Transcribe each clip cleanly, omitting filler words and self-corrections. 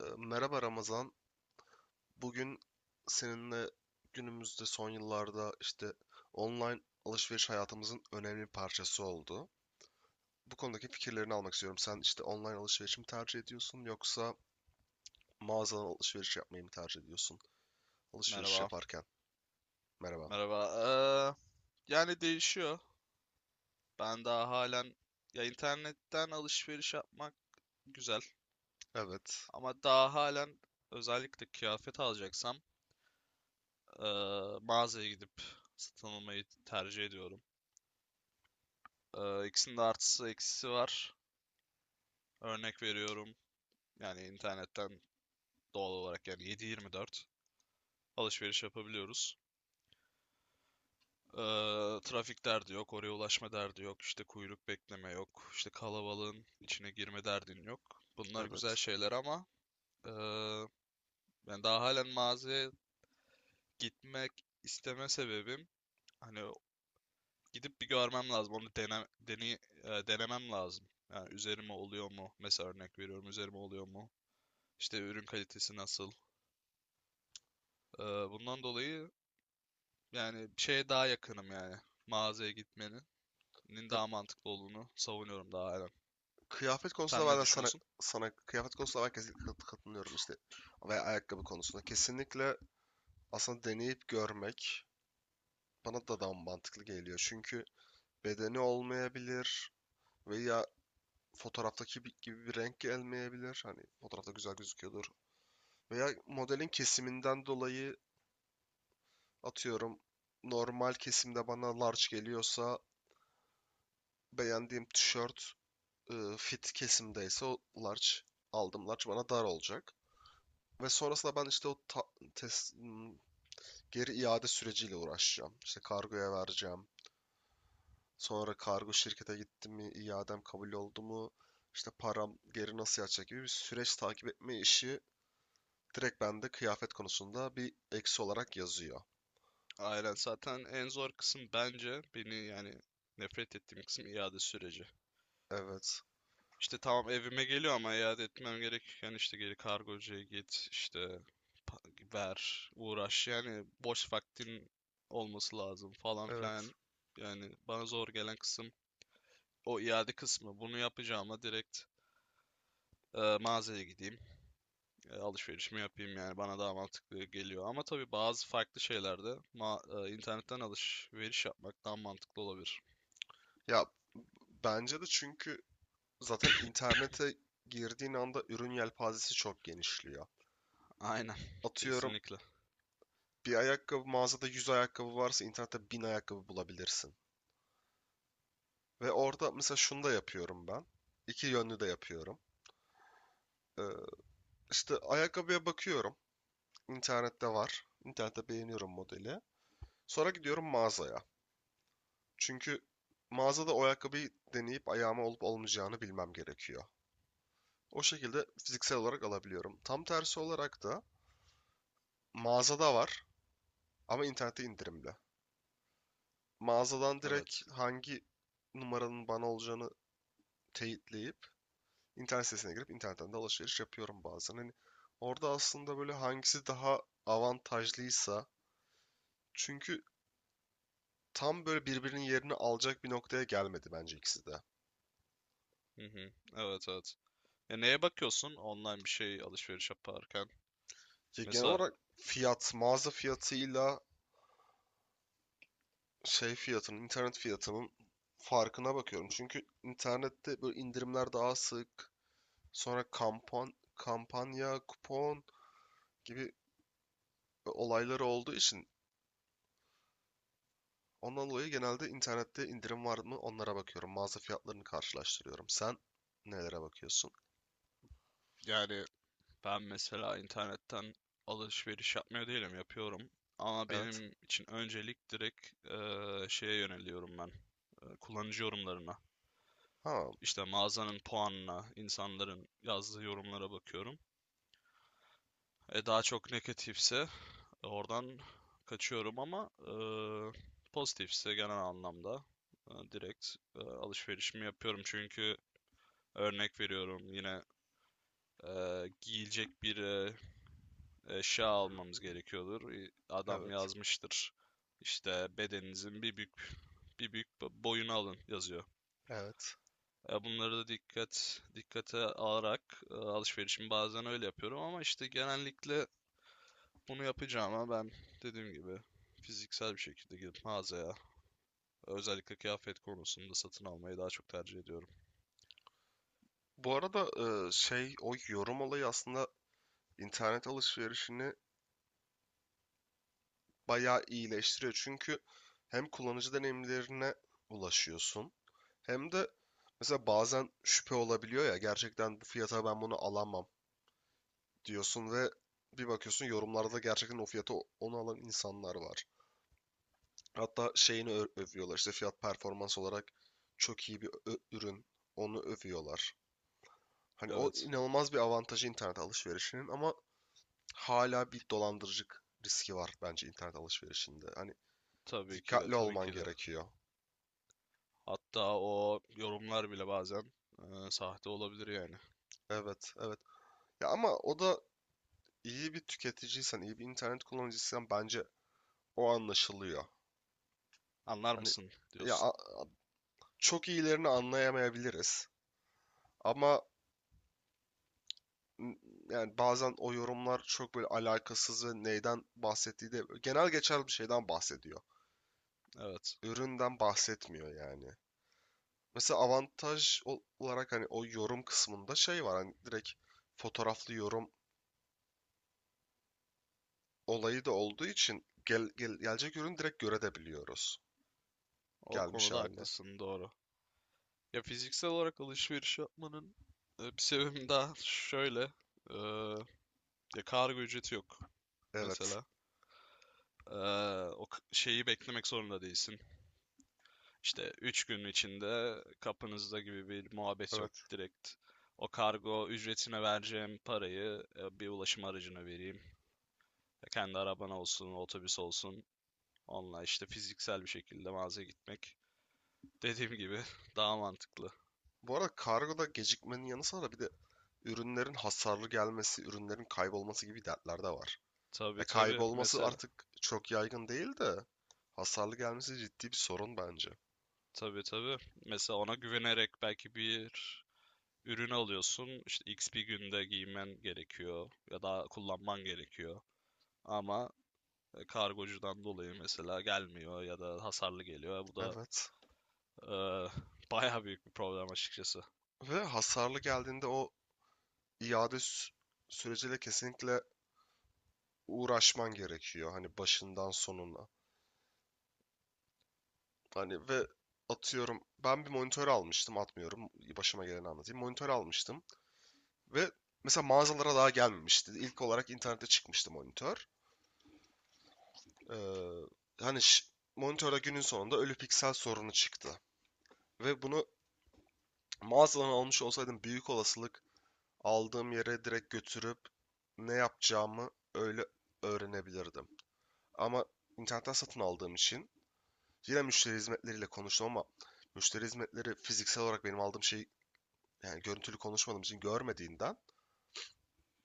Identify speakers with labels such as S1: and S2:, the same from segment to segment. S1: Merhaba Ramazan. Bugün seninle günümüzde son yıllarda işte online alışveriş hayatımızın önemli bir parçası oldu. Bu konudaki fikirlerini almak istiyorum. Sen işte online alışveriş mi tercih ediyorsun yoksa mağazadan alışveriş yapmayı mı tercih ediyorsun? Alışveriş
S2: Merhaba.
S1: yaparken. Merhaba.
S2: Merhaba. Yani değişiyor. Ben daha halen ya internetten alışveriş yapmak güzel
S1: Evet,
S2: ama daha halen özellikle kıyafet alacaksam ee, mağazaya gidip satın almayı tercih ediyorum. İkisinin de artısı eksisi var. Örnek veriyorum. Yani internetten doğal olarak yani 7/24 alışveriş yapabiliyoruz. Trafik derdi yok, oraya ulaşma derdi yok, işte kuyruk bekleme yok, işte kalabalığın içine girme derdin yok. Bunlar güzel
S1: evet.
S2: şeyler ama eee, ben daha halen mağazaya gitmek isteme sebebim hani gidip bir görmem lazım, onu dene, dene, denemem lazım. Yani üzerime oluyor mu? Mesela örnek veriyorum, üzerime oluyor mu? İşte ürün kalitesi nasıl? Eee, bundan dolayı yani şeye daha yakınım yani mağazaya gitmenin
S1: E,
S2: daha mantıklı olduğunu savunuyorum daha halen.
S1: Kıyafet konusunda
S2: Sen
S1: ben
S2: ne
S1: de sana
S2: düşünüyorsun?
S1: kıyafet konusunda ben kesinlikle katılıyorum işte. Veya ayakkabı konusunda kesinlikle aslında deneyip görmek bana da daha mantıklı geliyor. Çünkü bedeni olmayabilir veya fotoğraftaki gibi bir renk gelmeyebilir. Hani fotoğrafta güzel gözüküyordur. Veya modelin kesiminden dolayı atıyorum normal kesimde bana large geliyorsa beğendiğim tişört fit kesimdeyse o large aldım large bana dar olacak. Ve sonrasında ben işte tes- geri iade süreciyle uğraşacağım. İşte kargoya vereceğim. Sonra kargo şirkete gittim mi, iadem kabul oldu mu, işte param geri nasıl yatacak gibi bir süreç takip etme işi direkt bende kıyafet konusunda bir eksi olarak yazıyor.
S2: Aynen, zaten en zor kısım bence beni yani nefret ettiğim kısım iade süreci.
S1: Evet,
S2: İşte tamam, evime geliyor ama iade etmem gerek. Yani işte geri kargocuya git, işte ver, uğraş. Yani boş vaktin olması lazım falan
S1: evet.
S2: filan. Yani bana zor gelen kısım o iade kısmı. Bunu yapacağıma direkt mağazaya gideyim, alışverişimi yapayım, yani bana daha mantıklı geliyor. Ama tabii bazı farklı şeylerde internetten alışveriş yapmak daha mantıklı olabilir.
S1: Ya bence de çünkü zaten internete girdiğin anda ürün yelpazesi çok genişliyor.
S2: Aynen.
S1: Atıyorum
S2: Kesinlikle.
S1: bir ayakkabı mağazada 100 ayakkabı varsa internette 1000 ayakkabı bulabilirsin. Ve orada mesela şunu da yapıyorum ben. İki yönlü de yapıyorum. Ee, işte ayakkabıya bakıyorum. İnternette var. İnternette beğeniyorum modeli. Sonra gidiyorum mağazaya. Çünkü mağazada o ayakkabıyı deneyip ayağıma olup olmayacağını bilmem gerekiyor. O şekilde fiziksel olarak alabiliyorum. Tam tersi olarak da mağazada var ama internette indirimli. Mağazadan
S2: Evet.
S1: direkt hangi numaranın bana olacağını teyitleyip internet sitesine girip internetten de alışveriş yapıyorum bazen. Hani orada aslında böyle hangisi daha avantajlıysa çünkü tam böyle birbirinin yerini alacak bir noktaya gelmedi bence ikisi de.
S2: Hı hı. Evet, evet. Ya neye bakıyorsun online bir şey alışveriş yaparken?
S1: Ya genel
S2: Mesela
S1: olarak fiyat, mağaza fiyatıyla şey fiyatının, internet fiyatının farkına bakıyorum. Çünkü internette böyle indirimler daha sık, sonra kampanya, kupon gibi olayları olduğu için ondan dolayı genelde internette indirim var mı onlara bakıyorum. Mağaza fiyatlarını karşılaştırıyorum. Sen nelere bakıyorsun?
S2: yani ben mesela internetten alışveriş yapmıyor değilim, yapıyorum. Ama
S1: Evet.
S2: benim için öncelik direkt şeye yöneliyorum ben. Kullanıcı yorumlarına.
S1: Ha,
S2: İşte mağazanın puanına, insanların yazdığı yorumlara bakıyorum. E, daha çok negatifse oradan kaçıyorum ama pozitifse genel anlamda direkt alışverişimi yapıyorum. Çünkü örnek veriyorum yine, giyilecek bir eşya almamız gerekiyordur. Adam
S1: evet.
S2: yazmıştır işte, bedeninizin bir büyük boyunu alın yazıyor.
S1: Evet.
S2: Bunları da dikkate alarak alışverişimi bazen öyle yapıyorum ama işte genellikle bunu yapacağım ama ben, dediğim gibi, fiziksel bir şekilde gidip mağazaya, özellikle kıyafet konusunda, satın almayı daha çok tercih ediyorum.
S1: Bu arada şey o yorum olayı aslında internet alışverişini bayağı iyileştiriyor. Çünkü hem kullanıcı deneyimlerine ulaşıyorsun hem de mesela bazen şüphe olabiliyor ya gerçekten bu fiyata ben bunu alamam diyorsun ve bir bakıyorsun yorumlarda gerçekten o fiyata onu alan insanlar var. Hatta şeyini övüyorlar işte fiyat performans olarak çok iyi bir ürün onu övüyorlar. Hani o
S2: Evet.
S1: inanılmaz bir avantajı internet alışverişinin ama hala bir dolandırıcılık riski var bence internet alışverişinde. Hani
S2: Tabii ki de,
S1: dikkatli
S2: tabii
S1: olman
S2: ki de.
S1: gerekiyor.
S2: Hatta o yorumlar bile bazen sahte olabilir yani.
S1: Evet, evet. Ya ama o da iyi bir tüketiciysen, iyi bir internet kullanıcısıysan bence o anlaşılıyor.
S2: Anlar
S1: Hani
S2: mısın
S1: ya
S2: diyorsun.
S1: a- çok iyilerini anlayamayabiliriz ama n- yani bazen o yorumlar çok böyle alakasız ve neyden bahsettiği de genel geçer bir şeyden bahsediyor.
S2: Evet.
S1: Üründen bahsetmiyor yani. Mesela olarak hani o yorum kısmında şey var hani direkt fotoğraflı yorum olayı da olduğu için gelecek ürünü direkt görebiliyoruz.
S2: O
S1: Gelmiş
S2: konuda
S1: haline.
S2: haklısın, doğru. Ya fiziksel olarak alışveriş yapmanın bir sebebi daha şöyle. e, ya kargo ücreti yok
S1: Evet.
S2: mesela. E, o şeyi beklemek zorunda değilsin. İşte 3 gün içinde kapınızda gibi bir muhabbet yok.
S1: Evet.
S2: Direkt o kargo ücretine vereceğim parayı bir ulaşım aracına vereyim. Kendi araban olsun, otobüs olsun. Onunla işte fiziksel bir şekilde mağazaya gitmek. Dediğim gibi, daha mantıklı.
S1: Bu arada kargoda gecikmenin yanı sıra bir de ürünlerin hasarlı gelmesi, ürünlerin kaybolması gibi dertler de var.
S2: Tabii
S1: Ya
S2: tabii,
S1: kaybolması
S2: mesela.
S1: artık çok yaygın değil de hasarlı gelmesi ciddi bir sorun bence.
S2: Tabii tabii. Mesela ona güvenerek belki bir ürün alıyorsun. İşte X bir günde giymen gerekiyor ya da kullanman gerekiyor. Ama kargocudan dolayı mesela gelmiyor ya da hasarlı geliyor. Bu da
S1: Evet.
S2: e, bayağı büyük bir problem açıkçası.
S1: Ve hasarlı geldiğinde o iade süreciyle kesinlikle uğraşman gerekiyor. Hani başından sonuna. Hani ve atıyorum ben bir monitör almıştım atmıyorum başıma geleni anlatayım. Monitör almıştım ve mesela mağazalara daha gelmemişti. İlk olarak internette çıkmıştı monitör. Ee, hani ş- monitörde günün sonunda ölü piksel sorunu çıktı. Ve bunu mağazadan almış olsaydım büyük olasılık aldığım yere direkt götürüp ne yapacağımı öyle öğrenebilirdim. Ama internetten satın aldığım için yine müşteri hizmetleriyle konuştum ama müşteri hizmetleri fiziksel olarak benim aldığım şeyi yani görüntülü konuşmadığım için görmediğinden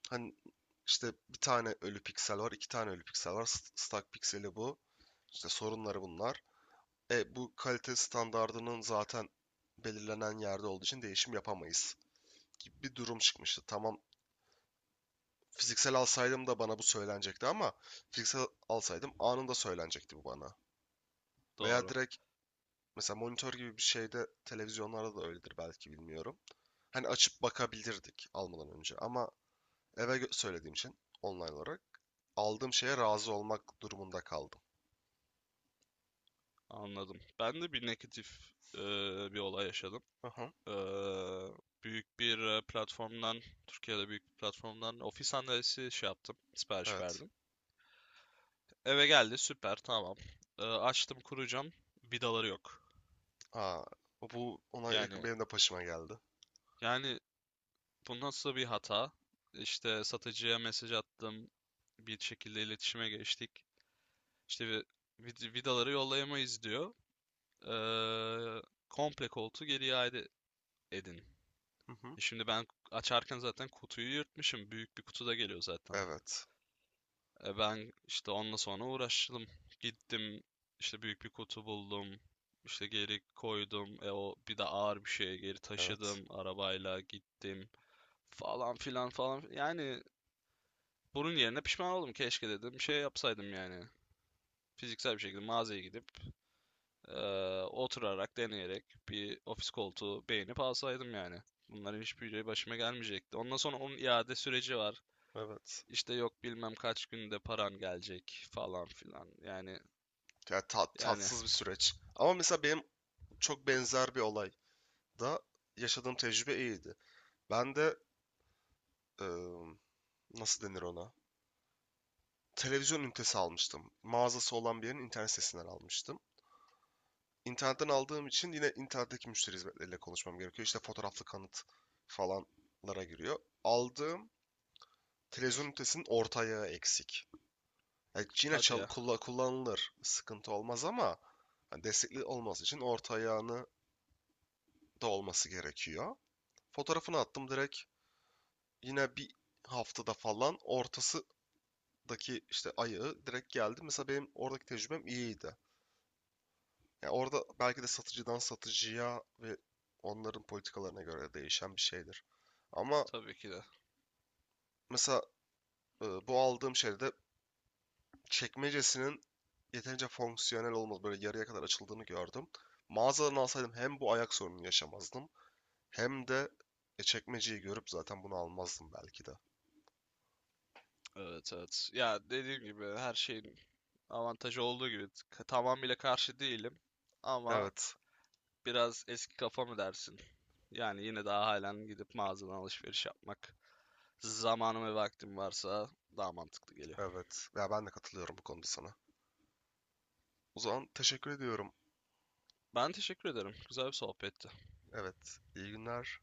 S1: hani işte bir tane ölü piksel var, iki tane ölü piksel var. Stack pikseli bu. İşte sorunları bunlar. E bu kalite standardının zaten belirlenen yerde olduğu için değişim yapamayız gibi bir durum çıkmıştı. Tamam fiziksel alsaydım da bana bu söylenecekti ama fiziksel alsaydım anında söylenecekti bu bana. Veya
S2: Doğru.
S1: direkt mesela monitör gibi bir şeyde televizyonlarda da öyledir belki bilmiyorum. Hani açıp bakabilirdik almadan önce ama eve söylediğim için online olarak aldığım şeye razı olmak durumunda kaldım.
S2: Anladım. Ben de bir negatif e, bir olay yaşadım.
S1: Hı hı.
S2: E, büyük bir platformdan, Türkiye'de büyük bir platformdan, ofis sandalyesi şey yaptım, sipariş
S1: Evet.
S2: verdim. Eve geldi, süper, tamam. Açtım, kuracağım, vidaları yok.
S1: Aa, bu ona
S2: Yani,
S1: yakın benim de başıma geldi.
S2: yani, bu nasıl bir hata? İşte satıcıya mesaj attım, bir şekilde iletişime geçtik. İşte vidaları yollayamayız diyor. Ee, komple koltuğu geri iade edin.
S1: Hı hı.
S2: Şimdi ben açarken zaten kutuyu yırtmışım. Büyük bir kutu da geliyor zaten.
S1: Evet.
S2: Ben işte onunla sonra uğraştım. Gittim, işte büyük bir kutu buldum. İşte geri koydum. O bir de ağır bir şeye, geri
S1: Evet.
S2: taşıdım. Arabayla gittim. Falan filan falan. Yani bunun yerine pişman oldum. Keşke dedim şey yapsaydım yani. Fiziksel bir şekilde mağazaya gidip, Ee, oturarak, deneyerek bir ofis koltuğu beğenip alsaydım yani. Bunların hiçbiri başıma gelmeyecekti. Ondan sonra onun iade süreci var.
S1: Evet.
S2: İşte yok bilmem kaç günde paran gelecek falan filan. Yani yani
S1: Tatsız bir süreç. Ama mesela benim çok benzer bir olay da yaşadığım tecrübe iyiydi. Ben de ıı, nasıl denir ona? Televizyon ünitesi almıştım. Mağazası olan bir yerin internet sitesinden almıştım. İnternetten aldığım için yine internetteki müşteri hizmetleriyle konuşmam gerekiyor. İşte fotoğraflı kanıt falanlara giriyor. Aldığım televizyon ünitesinin orta ayağı eksik. Yani yine
S2: hadi ya,
S1: kullanılır. Sıkıntı olmaz ama hani destekli olması için orta ayağını da olması gerekiyor. Fotoğrafını attım direkt yine bir haftada falan ortasındaki işte ayağı direkt geldi. Mesela benim oradaki tecrübem iyiydi. Ya orada belki de satıcıdan satıcıya ve onların politikalarına göre değişen bir şeydir. Ama
S2: tabii ki de.
S1: mesela bu aldığım şeyde çekmecesinin yeterince fonksiyonel olmadığı, böyle yarıya kadar açıldığını gördüm. Mağazadan alsaydım hem bu ayak sorununu yaşamazdım hem de çekmeceyi görüp zaten bunu almazdım belki de.
S2: Evet, evet. Ya dediğim gibi, her şeyin avantajı olduğu gibi, tamamıyla karşı değilim. Ama
S1: Evet,
S2: biraz eski kafa mı dersin? Yani yine daha halen gidip mağazadan alışveriş yapmak, zamanım ve vaktim varsa, daha mantıklı geliyor.
S1: evet. Ya ben de katılıyorum bu konuda sana. O zaman teşekkür ediyorum.
S2: Ben teşekkür ederim. Güzel bir sohbetti.
S1: Evet, iyi günler.